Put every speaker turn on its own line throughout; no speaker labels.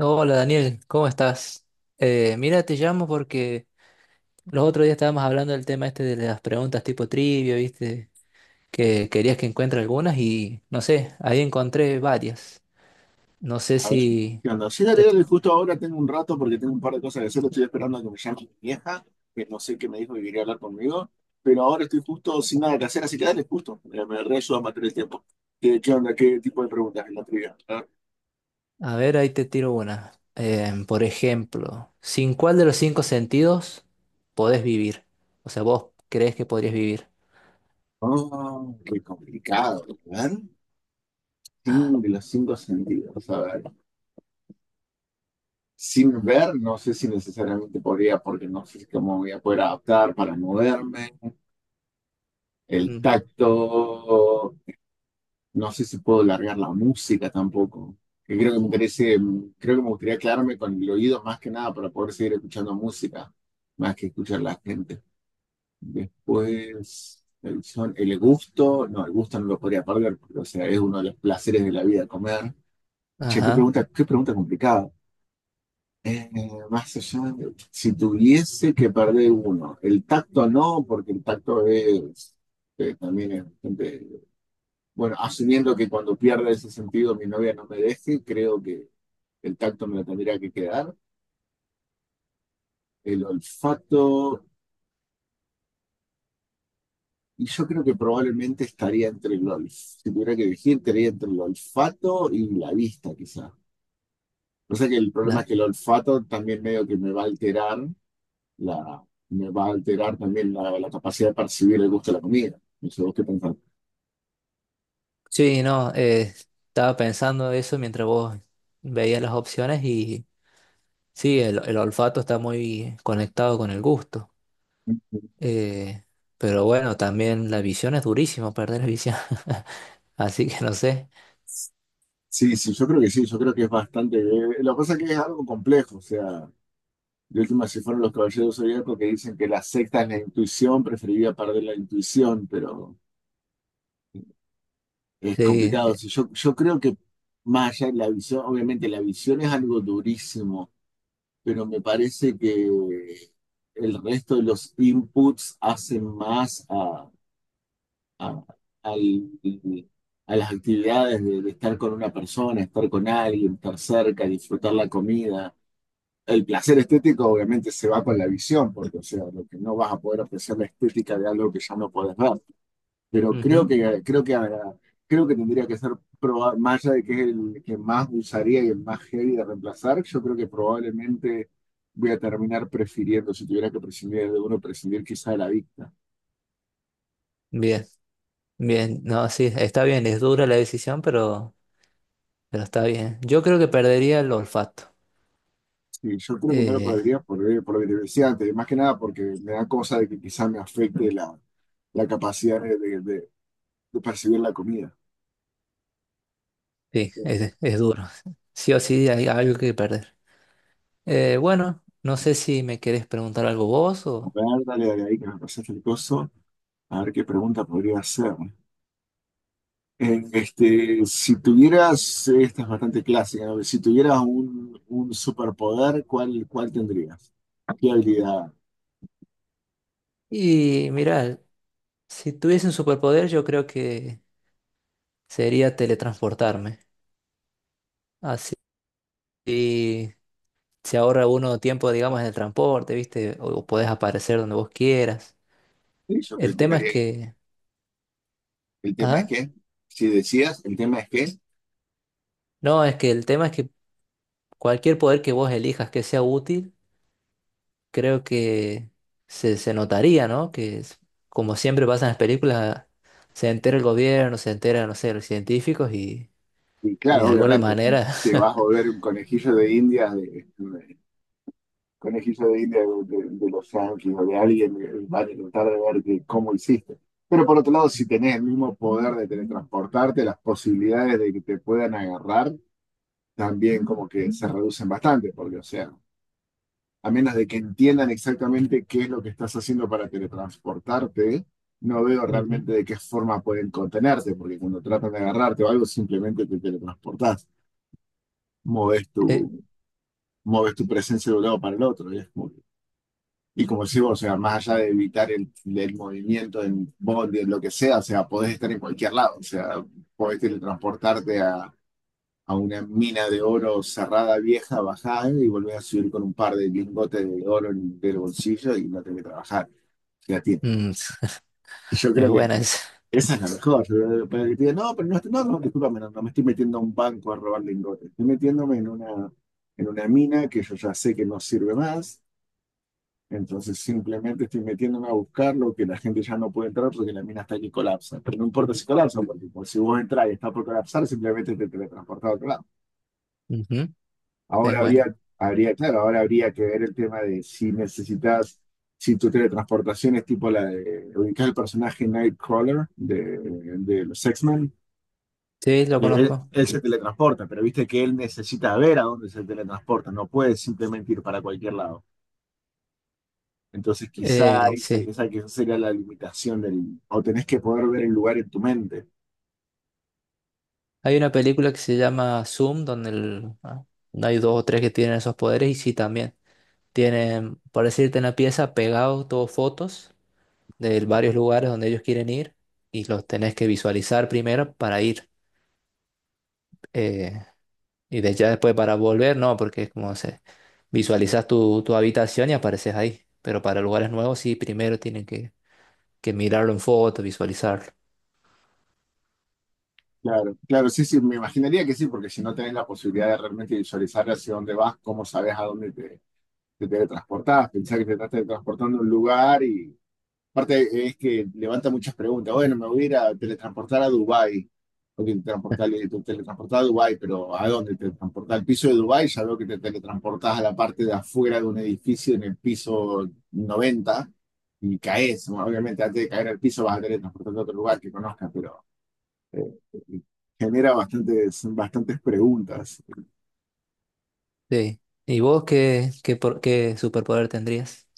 Hola Daniel, ¿cómo estás? Mira, te llamo porque los otros días estábamos hablando del tema este de las preguntas tipo trivia, ¿viste? Que querías que encuentre algunas y no sé, ahí encontré varias. No sé
A ver,
si
¿qué onda? Sí, dale,
te...
dale, justo ahora tengo un rato porque tengo un par de cosas que hacer. Estoy esperando a que me llame mi vieja, que no sé qué me dijo que quería hablar conmigo, pero ahora estoy justo sin nada que hacer, así que dale, justo. Me reayuda a matar el tiempo. ¿Qué onda? ¿Qué tipo de preguntas en la trivia? A ver.
A ver, ahí te tiro una. Por ejemplo, ¿sin cuál de los cinco sentidos podés vivir? O sea, vos crees que podrías vivir.
Oh, qué complicado. A ver, sin de los cinco sentidos. A ver, sin ver, no sé si necesariamente podría, porque no sé cómo voy a poder adaptar para moverme. El
Mm.
tacto. No sé si puedo largar la música tampoco. Que creo que me interese, creo que me gustaría quedarme con el oído más que nada para poder seguir escuchando música, más que escuchar la gente. Después, el, son, el gusto no lo podría perder, porque, o sea, es uno de los placeres de la vida comer. Che,
Ajá.
qué pregunta complicada. Eh, Más allá de- si tuviese que perder uno, el tacto no, porque el tacto es, también es bastante bueno, asumiendo que cuando pierda ese sentido mi novia no me deje, creo que el tacto me lo tendría que quedar. El olfato, y yo creo que probablemente estaría entre el olfato, si tuviera que elegir, estaría entre el olfato y la vista, quizá. O sea que el problema
La-
es que el olfato también medio que me va a alterar la, me va a alterar también la capacidad de percibir el gusto de la comida. No sé, ¿vos qué pensás?
Sí, no, estaba pensando eso mientras vos veías las opciones. Sí, el olfato está muy conectado con el gusto. Eh, pero bueno, también la visión es durísimo perder la visión. Así que no sé.
Sí, sí, yo creo que sí, yo creo que es bastante. Lo que pasa es que es algo complejo, o sea. De última se fueron los caballeros zodiacos que dicen que la secta es la intuición, preferiría perder la intuición, pero es
Sí,
complicado. Si yo, yo creo que más allá de la visión, obviamente la visión es algo durísimo, pero me parece que el resto de los inputs hacen más a, a- al- a las actividades de estar con una persona, estar con alguien, estar cerca, disfrutar la comida. El placer estético obviamente se va con la visión, porque o sea, lo que no vas a poder apreciar la estética de algo que ya no podés ver. Pero creo
ujú.
que, creo que, creo que tendría que ser, más allá de que es el que más usaría y el más heavy de reemplazar, yo creo que probablemente voy a terminar prefiriendo, si tuviera que prescindir de uno, prescindir quizá de la vista.
Bien, bien. No, sí, está bien. Es dura la decisión, pero está bien. Yo creo que perdería el olfato.
Sí, yo creo que no lo
Eh,
podría por lo que te decía antes, y más que nada porque me da cosa de que quizá me afecte la, la capacidad de, de percibir la comida.
sí, es duro. Sí o sí hay algo que perder. Bueno, no sé si me querés preguntar algo vos
A
o...
ver, dale, dale ahí que me pasaste el coso. A ver qué pregunta podría hacer. Si tuvieras, esta es bastante clásica, ¿no? Si tuvieras un superpoder, ¿cuál, cuál tendrías? ¿Qué habilidad?
Y mira, si tuviese un superpoder, yo creo que... sería teletransportarme. Así se ahorra uno tiempo, digamos, en el transporte, ¿viste? O podés aparecer donde vos quieras.
Sí, yo
El tema es
calcularía.
que...
El tema es
¿Ah?
que, si decías, el tema es que,
No, es que el tema es que cualquier poder que vos elijas que sea útil, creo que se notaría, ¿no? Que es- como siempre pasa en las películas, se entera el gobierno, se entera, no sé, los científicos
y
y de
claro,
alguna
obviamente,
manera...
te vas a volver un conejillo de indias, de, conejillo de indias de, de los yanquis o de alguien, van a intentar de ver que- cómo hiciste. Pero por otro lado, si tenés el mismo poder de teletransportarte, las posibilidades de que te puedan agarrar también como que se reducen bastante, porque, o sea, a menos de que entiendan exactamente qué es lo que estás haciendo para teletransportarte, no veo
Ujú.
realmente de qué forma pueden contenerte, porque cuando tratan de agarrarte o algo, simplemente te teletransportás, moves
Eh,
tu, moves tu presencia de un lado para el otro, y es como que- y como decís vos, o sea, más allá de evitar el movimiento en bondi, en lo que sea, o sea, podés estar en cualquier lado, o sea, podés teletransportarte a una mina de oro cerrada, vieja, bajada, y volvés a subir con un par de lingotes de oro en el bolsillo y no tenés que trabajar. Ya tiene.
mm,
Yo creo
es
que este,
buena esa.
esa es la mejor. Pero que te digan, no, pero no, no, no, discúlpame, no, no me estoy metiendo a un banco a robar lingotes. Estoy metiéndome en una mina que yo ya sé que no sirve más. Entonces simplemente estoy metiéndome a buscar lo que la gente ya no puede entrar porque la mina está aquí colapsa. Pero no importa si colapsa, porque, pues, si vos entras y está por colapsar, simplemente te teletransportás a otro lado.
Ujú, es
Ahora habría,
buena.
habría, claro, ahora habría que ver el tema de si necesitas, si tu teletransportación es tipo la de ubicar el personaje Nightcrawler de los X-Men.
Sí, lo
Que Él,
conozco.
él se teletransporta, pero viste que él necesita ver a dónde se teletransporta, no puede simplemente ir para cualquier lado. Entonces quizá esa,
Sí.
esa quizá sería la limitación del... O tenés que poder ver el lugar en tu mente.
Hay una película que se llama Zoom, donde el- ah, hay dos o tres que tienen esos poderes, y sí también. Tienen, por decirte, en la pieza pegado todos fotos de varios lugares donde ellos quieren ir, y los tenés que visualizar primero para ir. eh, y de ya después para volver, no, porque es como se visualizas tu habitación y apareces ahí. Pero para lugares nuevos sí, primero tienen que mirarlo en foto, visualizarlo.
Claro, claro, sí, sí, me imaginaría que sí, porque si no tenés la posibilidad de realmente visualizar hacia dónde vas, ¿cómo sabes a dónde te teletransportás, pensás que te estás teletransportando a un lugar y aparte es que levanta muchas preguntas. Bueno, me voy a ir a teletransportar a Dubái. O que te transportás- te teletransportás a Dubái, pero ¿a dónde? Te teletransportás al piso de Dubái, ya veo que te teletransportás a la parte de afuera de un edificio en el piso 90 y caes. Bueno, obviamente antes de caer al piso vas a teletransportarte a otro lugar que conozcas, pero eh, genera bastantes, bastantes preguntas.
Sí. ¿Y vos qué, qué, por- qué superpoder tendrías?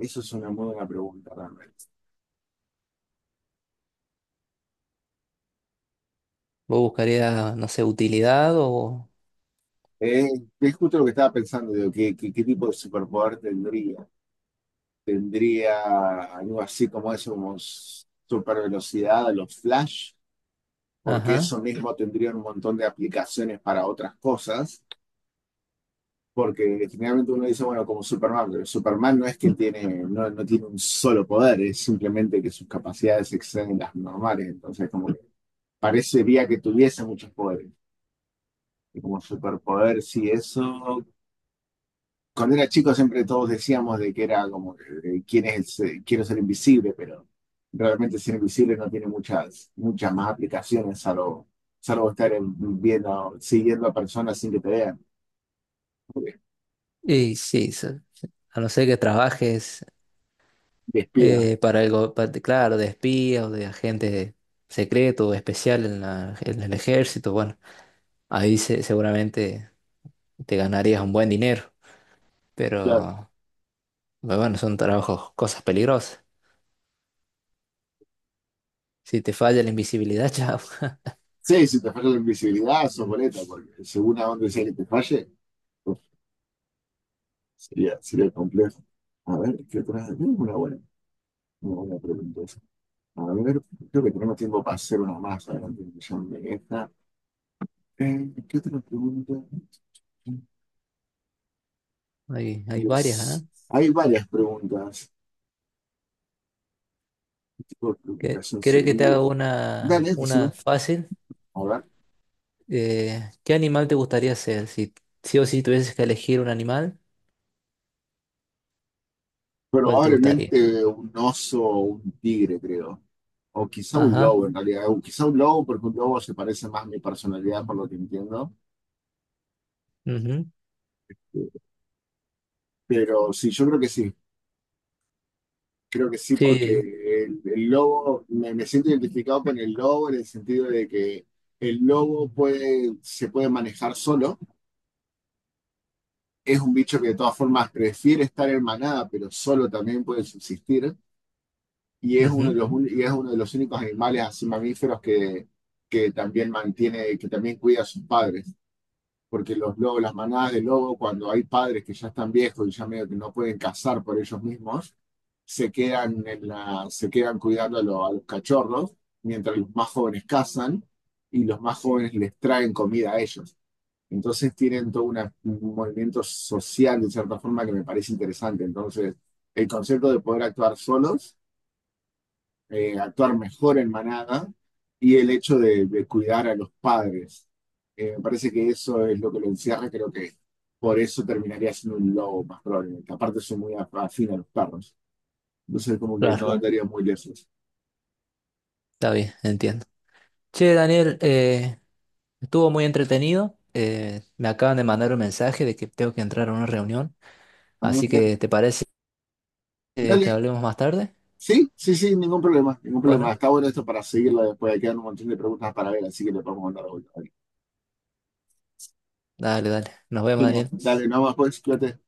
Eso es una muy buena pregunta realmente.
Vos buscarías, no sé, ¿utilidad o...?
Eh, es justo lo que estaba pensando, digo, ¿qué, qué, qué tipo de superpoder tendría? ¿Tendría algo así como eso, como super velocidad a los Flash? Porque
Ajá.
eso mismo tendría un montón de aplicaciones para otras cosas. Porque generalmente uno dice, bueno, como Superman, pero Superman no es que tiene, no, no tiene un solo poder, es simplemente que sus capacidades exceden las normales. Entonces, como que parecería que tuviese muchos poderes. Y como superpoder, sí, eso. Cuando era chico siempre todos decíamos de que era como, ¿quién es? Quiero ser invisible, pero realmente ser invisible no tiene muchas, muchas más aplicaciones, salvo, salvo estar en- viendo, siguiendo a personas sin que te vean, porque
Y sí, se- a no ser que trabajes
de espía,
para algo, pa- de- claro, de espía o de agente secreto o especial en la- en el ejército, bueno, ahí se- seguramente te ganarías un buen dinero,
claro.
pero pero bueno, son trabajos, cosas peligrosas. Si te falla la invisibilidad, chao.
Sí, si te falla la invisibilidad, sos boleta, porque según a dónde sea que te falle, uf, sería, sería complejo. A ver, ¿qué otra? Tenemos una buena pregunta. Esa. A ver, creo que tenemos tiempo para hacer una más. Adelante, que ya me deja. ¿Qué otra pregunta?
Hay varias, ¿ah?
Pues, hay varias preguntas. ¿Qué tipo de
¿Qué-
preocupación
¿Querés que te
sería?
haga
Dale, esta es
una
una.
fácil?
A ver.
¿Qué animal te gustaría ser? Si sí o sí tuvieses que elegir un animal, ¿cuál te gustaría?
Probablemente un oso o un tigre, creo. O quizá un
Ajá.
lobo, en realidad. O quizá un lobo, porque un lobo se parece más a mi personalidad, por lo que entiendo.
Ujú,
Pero sí, yo creo que sí. Creo que sí, porque
sí.
el lobo, me siento identificado con el lobo en el sentido de que el lobo puede, se puede manejar solo. Es un bicho que de todas formas prefiere estar en manada, pero solo también puede subsistir, y es uno de
Ujú,
los, y es uno de los únicos animales así mamíferos que también mantiene, que también cuida a sus padres, porque los lobos, las manadas de lobo, cuando hay padres que ya están viejos y ya medio que no pueden cazar por ellos mismos, se quedan, en la, se quedan cuidando a, a los cachorros, mientras los más jóvenes cazan, y los más jóvenes les traen comida a ellos. Entonces tienen todo un movimiento social, de cierta forma, que me parece interesante. Entonces, el concepto de poder actuar solos, actuar mejor en manada y el hecho de cuidar a los padres. Me parece que eso es lo que lo encierra. Creo que por eso terminaría siendo un lobo más probablemente. Aparte, soy muy afín a los perros. Entonces, como que no
claro,
Claro. andaría muy lejos.
está bien, entiendo. Che, Daniel, estuvo muy entretenido. Me acaban de mandar un mensaje de que tengo que entrar a una reunión. Así
Vamos.
que, ¿te parece que
Dale,
hablemos más tarde?
sí, sí, sí, ningún problema, ningún problema.
Bueno,
Está bueno esto para seguirlo después. Quedan un montón de preguntas para ver, así que le podemos mandar a vuelta.
dale, dale. Nos vemos,
Genial.
Daniel.
Dale, nada más, pues, cuídate.